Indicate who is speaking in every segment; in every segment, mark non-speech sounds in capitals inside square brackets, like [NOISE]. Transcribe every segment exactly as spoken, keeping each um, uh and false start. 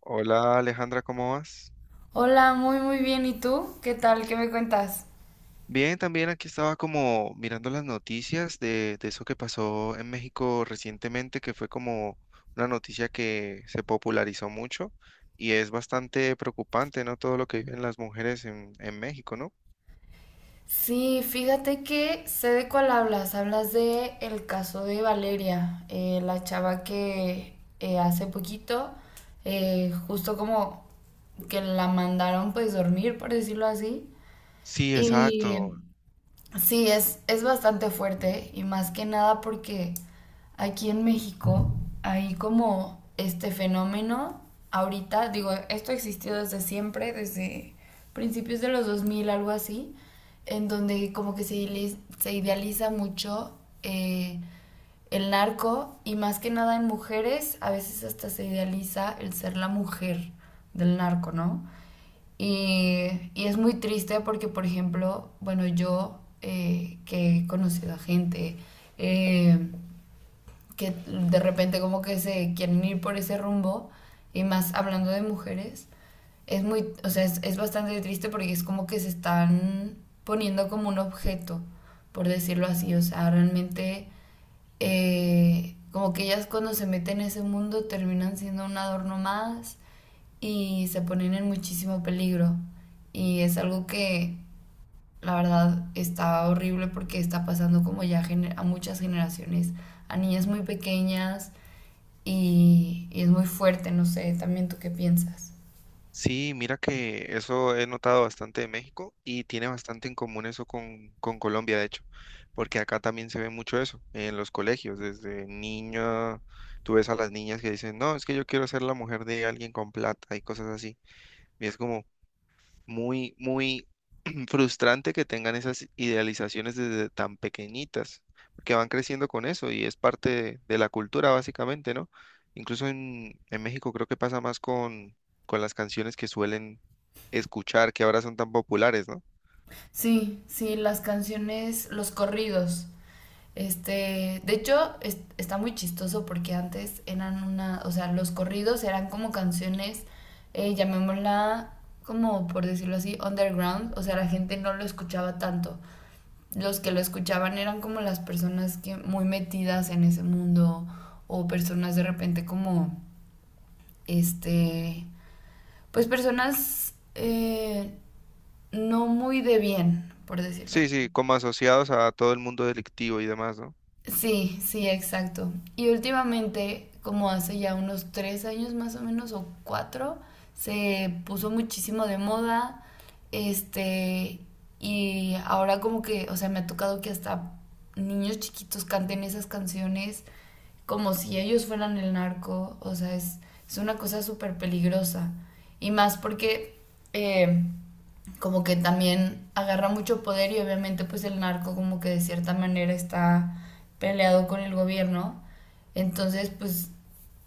Speaker 1: Hola Alejandra, ¿cómo vas?
Speaker 2: Hola, muy muy bien. ¿Y tú? ¿Qué tal? ¿Qué me cuentas?
Speaker 1: Bien, también aquí estaba como mirando las noticias de, de eso que pasó en México recientemente, que fue como una noticia que se popularizó mucho y es bastante preocupante, ¿no? Todo lo que viven las mujeres en, en México, ¿no?
Speaker 2: Sí, fíjate que sé de cuál hablas. Hablas de el caso de Valeria, eh, la chava que eh, hace poquito, eh, justo como que la mandaron pues dormir, por decirlo así.
Speaker 1: Sí,
Speaker 2: Y
Speaker 1: exacto.
Speaker 2: sí, es, es bastante fuerte y más que nada porque aquí en México hay como este fenómeno ahorita, digo, esto ha existido desde siempre, desde principios de los dos mil algo así, en donde como que se, ili- se idealiza mucho eh, el narco y más que nada en mujeres, a veces hasta se idealiza el ser la mujer del narco, ¿no? Y, y es muy triste porque, por ejemplo, bueno, yo eh, que he conocido a gente, eh, que de repente como que se quieren ir por ese rumbo, y más hablando de mujeres, es muy, o sea, es, es bastante triste porque es como que se están poniendo como un objeto, por decirlo así, o sea, realmente eh, como que ellas cuando se meten en ese mundo terminan siendo un adorno más y se ponen en muchísimo peligro. Y es algo que la verdad está horrible porque está pasando como ya a muchas generaciones, a niñas muy pequeñas y, y es muy fuerte, no sé, también tú qué piensas.
Speaker 1: Sí, mira que eso he notado bastante de México y tiene bastante en común eso con, con Colombia, de hecho, porque acá también se ve mucho eso en los colegios. Desde niña, tú ves a las niñas que dicen, no, es que yo quiero ser la mujer de alguien con plata y cosas así. Y es como muy, muy frustrante que tengan esas idealizaciones desde tan pequeñitas, porque van creciendo con eso y es parte de, de la cultura básicamente, ¿no? Incluso en, en México creo que pasa más con, con las canciones que suelen escuchar, que ahora son tan populares, ¿no?
Speaker 2: Sí, sí, las canciones, los corridos. Este, de hecho, es- está muy chistoso porque antes eran una, o sea, los corridos eran como canciones, eh, llamémosla como por decirlo así, underground, o sea, la gente no lo escuchaba tanto. Los que lo escuchaban eran como las personas que muy metidas en ese mundo o personas de repente como, este, pues personas, eh, no muy de bien, por decirlo así.
Speaker 1: Sí, sí, como asociados a todo el mundo delictivo y demás, ¿no?
Speaker 2: Sí, sí, exacto. Y últimamente, como hace ya unos tres años más o menos, o cuatro, se puso muchísimo de moda. Este, y ahora como que, o sea, me ha tocado que hasta niños chiquitos canten esas canciones como si ellos fueran el narco. O sea, es, es una cosa súper peligrosa. Y más porque eh, como que también agarra mucho poder y obviamente pues el narco como que de cierta manera está peleado con el gobierno. Entonces pues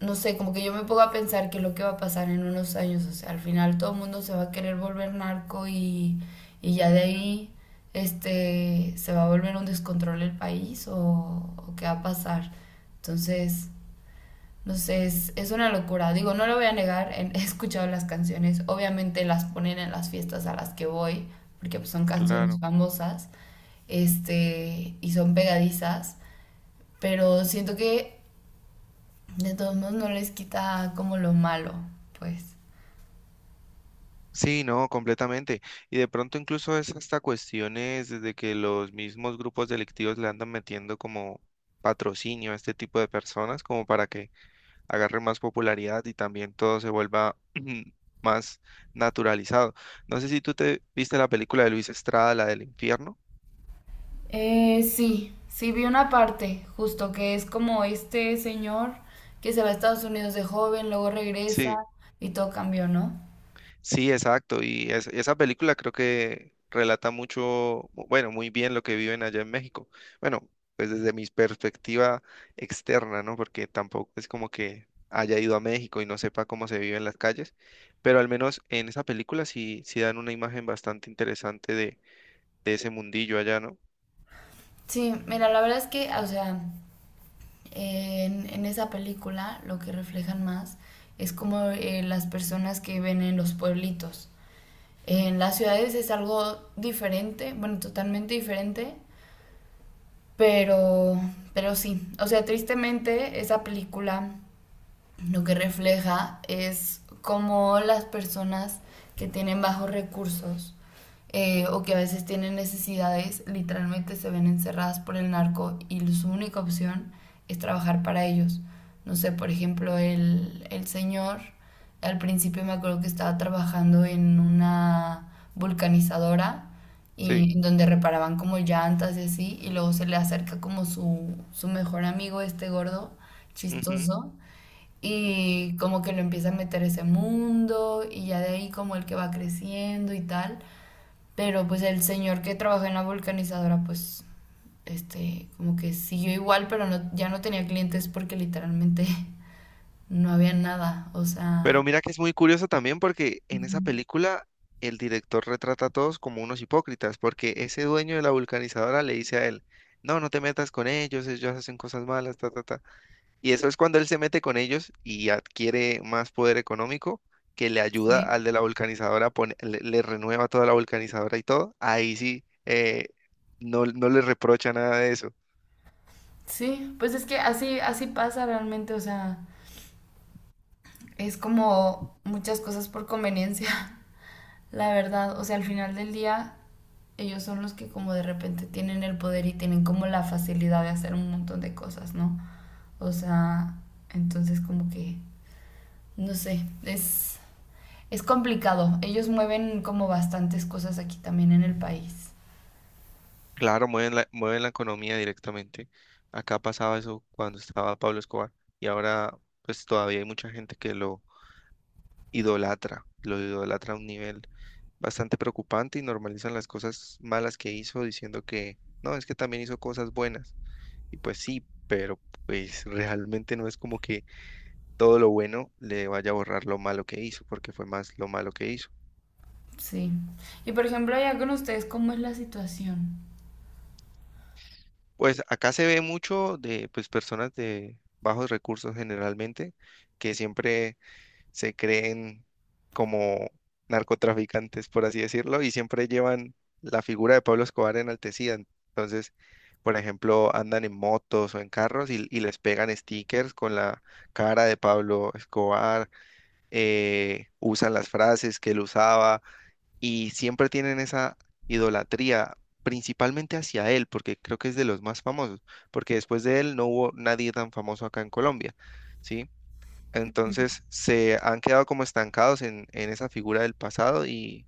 Speaker 2: no sé, como que yo me pongo a pensar que lo que va a pasar en unos años, o sea, al final todo el mundo se va a querer volver narco y, y ya de ahí este se va a volver un descontrol el país o, o qué va a pasar. Entonces, entonces, es una locura. Digo, no lo voy a negar, [LAUGHS] he escuchado las canciones, obviamente las ponen en las fiestas a las que voy, porque pues, son canciones
Speaker 1: Claro.
Speaker 2: famosas, este, y son pegadizas, pero siento que de todos modos no les quita como lo malo, pues.
Speaker 1: Sí, no, completamente. Y de pronto incluso es hasta cuestiones desde que los mismos grupos delictivos le andan metiendo como patrocinio a este tipo de personas, como para que agarre más popularidad y también todo se vuelva [CLEARS THROAT] más naturalizado. No sé si tú te viste la película de Luis Estrada, la del infierno.
Speaker 2: Eh, sí, sí vi una parte, justo que es como este señor que se va a Estados Unidos de joven, luego
Speaker 1: Sí,
Speaker 2: regresa y todo cambió, ¿no?
Speaker 1: sí, exacto. Y es- esa película creo que relata mucho, mu- bueno, muy bien lo que viven allá en México. Bueno, pues desde mi perspectiva externa, ¿no? Porque tampoco es como que haya ido a México y no sepa cómo se vive en las calles, pero al menos en esa película sí, sí dan una imagen bastante interesante de, de ese mundillo allá, ¿no?
Speaker 2: Sí, mira, la verdad es que, o sea, En, en esa película lo que reflejan más es como eh, las personas que viven en los pueblitos. En las ciudades es algo diferente, bueno, totalmente diferente, pero, pero sí. O sea, tristemente esa película lo que refleja es cómo las personas que tienen bajos recursos, eh, o que a veces tienen necesidades literalmente se ven encerradas por el narco y su única opción es trabajar para ellos. No sé, por ejemplo, el, el señor al principio me acuerdo que estaba trabajando en una vulcanizadora
Speaker 1: Sí.
Speaker 2: y en donde reparaban como llantas y así, y luego se le acerca como su, su mejor amigo, este gordo,
Speaker 1: Ujú.
Speaker 2: chistoso, y como que lo empieza a meter ese mundo y ya de ahí como el que va creciendo y tal. Pero pues el señor que trabajó en la vulcanizadora pues este como que siguió igual pero no, ya no tenía clientes porque literalmente [LAUGHS] no había nada. O
Speaker 1: Pero
Speaker 2: sea,
Speaker 1: mira que es muy curioso también porque en esa
Speaker 2: ujú.
Speaker 1: película el director retrata a todos como unos hipócritas, porque ese dueño de la vulcanizadora le dice a él, no, no te metas con ellos, ellos hacen cosas malas, ta, ta, ta. Y eso es cuando él se mete con ellos y adquiere más poder económico que le ayuda
Speaker 2: Sí.
Speaker 1: al de la vulcanizadora, pone- le, le renueva toda la vulcanizadora y todo. Ahí sí, eh, no, no le reprocha nada de eso.
Speaker 2: Sí, pues es que así, así pasa realmente. O sea, es como muchas cosas por conveniencia. [LAUGHS] La verdad, o sea, al final del día, ellos son los que como de repente tienen el poder y tienen como la facilidad de hacer un montón de cosas, ¿no? O sea, entonces como que, no sé, es, es complicado. Ellos mueven como bastantes cosas aquí también en el país.
Speaker 1: Claro, mueven la, mueven la economía directamente. Acá pasaba eso cuando estaba Pablo Escobar y ahora pues todavía hay mucha gente que lo idolatra, lo idolatra a un nivel bastante preocupante y normalizan las cosas malas que hizo diciendo que no, es que también hizo cosas buenas. Y pues sí, pero pues realmente no es como que todo lo bueno le vaya a borrar lo malo que hizo, porque fue más lo malo que hizo.
Speaker 2: Sí. Y por ejemplo, allá con ustedes, ¿cómo es la situación?
Speaker 1: Pues acá se ve mucho de pues personas de bajos recursos generalmente que siempre se creen como narcotraficantes, por así decirlo, y siempre llevan la figura de Pablo Escobar enaltecida. Entonces, por ejemplo, andan en motos o en carros y, y les pegan stickers con la cara de Pablo Escobar, eh, usan las frases que él usaba y siempre tienen esa idolatría. Principalmente hacia él, porque creo que es de los más famosos, porque después de él no hubo nadie tan famoso acá en Colombia, ¿sí? Entonces se han quedado como estancados en, en esa figura del pasado y,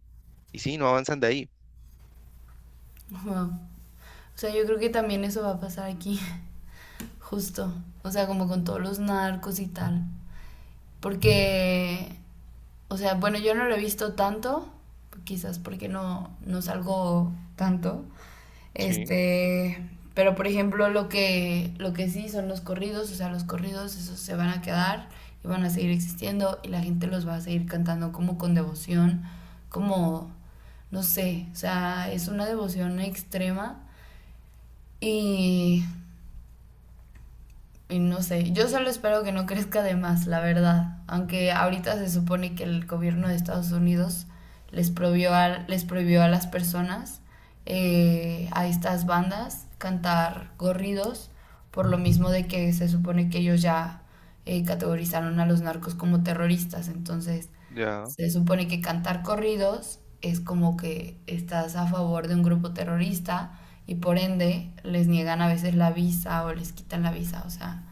Speaker 1: y sí, no avanzan de ahí.
Speaker 2: Wow. O sea, yo creo que también eso va a pasar aquí, [LAUGHS] justo. O sea, como con todos los narcos y tal. Porque, o sea, bueno, yo no lo he visto tanto, quizás porque no, no salgo tanto.
Speaker 1: Sí,
Speaker 2: Este, pero por ejemplo, lo que, lo que sí son los corridos, o sea, los corridos, esos se van a quedar y van a seguir existiendo y la gente los va a seguir cantando como con devoción, como, no sé, o sea, es una devoción extrema y y no sé, yo solo espero que no crezca de más, la verdad. Aunque ahorita se supone que el gobierno de Estados Unidos les prohibió a, les prohibió a las personas, eh, a estas bandas, cantar corridos, por lo mismo de que se supone que ellos ya eh, categorizaron a los narcos como terroristas. Entonces,
Speaker 1: ya.
Speaker 2: se supone que cantar corridos es como que estás a favor de un grupo terrorista y por ende les niegan a veces la visa o les quitan la visa, o sea,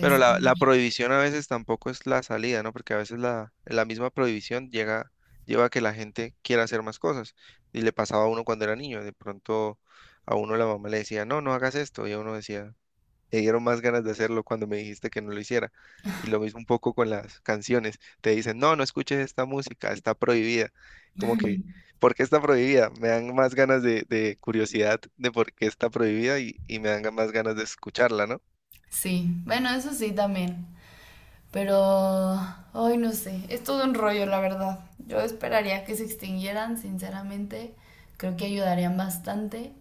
Speaker 1: Pero la, la prohibición a veces tampoco es la salida, ¿no? Porque a veces la, la misma prohibición llega, lleva a que la gente quiera hacer más cosas. Y le pasaba a uno cuando era niño. De pronto a uno la mamá le decía, no, no hagas esto. Y a uno decía, me dieron más ganas de hacerlo cuando me dijiste que no lo hiciera. Y lo mismo un poco con las canciones. Te dicen, no, no escuches esta música, está prohibida. Como que, ¿por qué está prohibida? Me dan más ganas de, de curiosidad de por qué está prohibida y, y me dan más ganas de escucharla, ¿no?
Speaker 2: sí, bueno, eso sí también, pero hoy no sé, es todo un rollo la verdad. Yo esperaría que se extinguieran, sinceramente, creo que ayudarían bastante.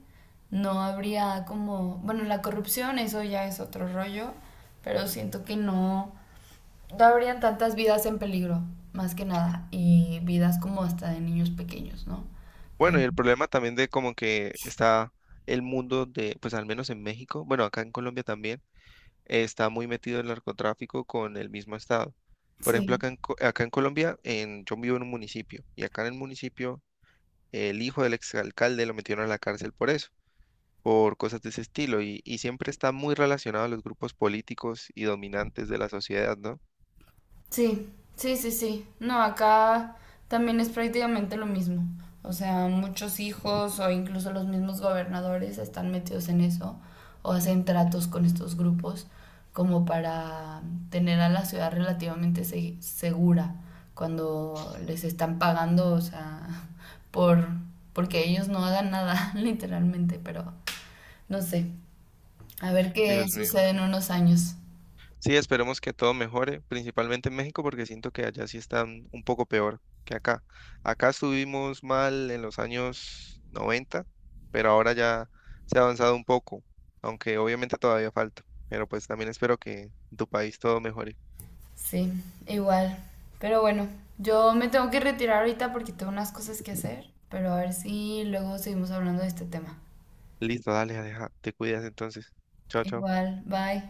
Speaker 2: No habría como, bueno, la corrupción eso ya es otro rollo, pero siento que no no habrían tantas vidas en peligro, más que nada, y vidas como hasta de niños pequeños, ¿no?
Speaker 1: Bueno,
Speaker 2: Pero
Speaker 1: y el problema también de como que está el mundo de, pues al menos en México, bueno, acá en Colombia también, eh, está muy metido el narcotráfico con el mismo estado. Por ejemplo,
Speaker 2: sí.
Speaker 1: acá en, Co- acá en Colombia, en, yo vivo en un municipio y acá en el municipio el hijo del exalcalde lo metieron a la cárcel por eso, por cosas de ese estilo, y, y siempre está muy relacionado a los grupos políticos y dominantes de la sociedad, ¿no?
Speaker 2: Sí, sí, sí, sí. No, acá también es prácticamente lo mismo. O sea, muchos hijos o incluso los mismos gobernadores están metidos en eso o hacen tratos con estos grupos como para tener a la ciudad relativamente se- segura cuando les están pagando, o sea, [LAUGHS] por porque ellos no hagan nada, [LAUGHS] literalmente, pero no sé. A ver qué
Speaker 1: Dios mío,
Speaker 2: sucede en
Speaker 1: sí.
Speaker 2: unos años.
Speaker 1: Sí, esperemos que todo mejore, principalmente en México, porque siento que allá sí están un poco peor que acá. Acá estuvimos mal en los años noventa, pero ahora ya se ha avanzado un poco, aunque obviamente todavía falta. Pero pues también espero que en tu país todo mejore.
Speaker 2: Sí, igual. Pero bueno, yo me tengo que retirar ahorita porque tengo unas cosas que hacer, pero a ver si luego seguimos hablando de este tema.
Speaker 1: Listo, dale, deja, te cuidas entonces. Chao, chao.
Speaker 2: Igual, bye.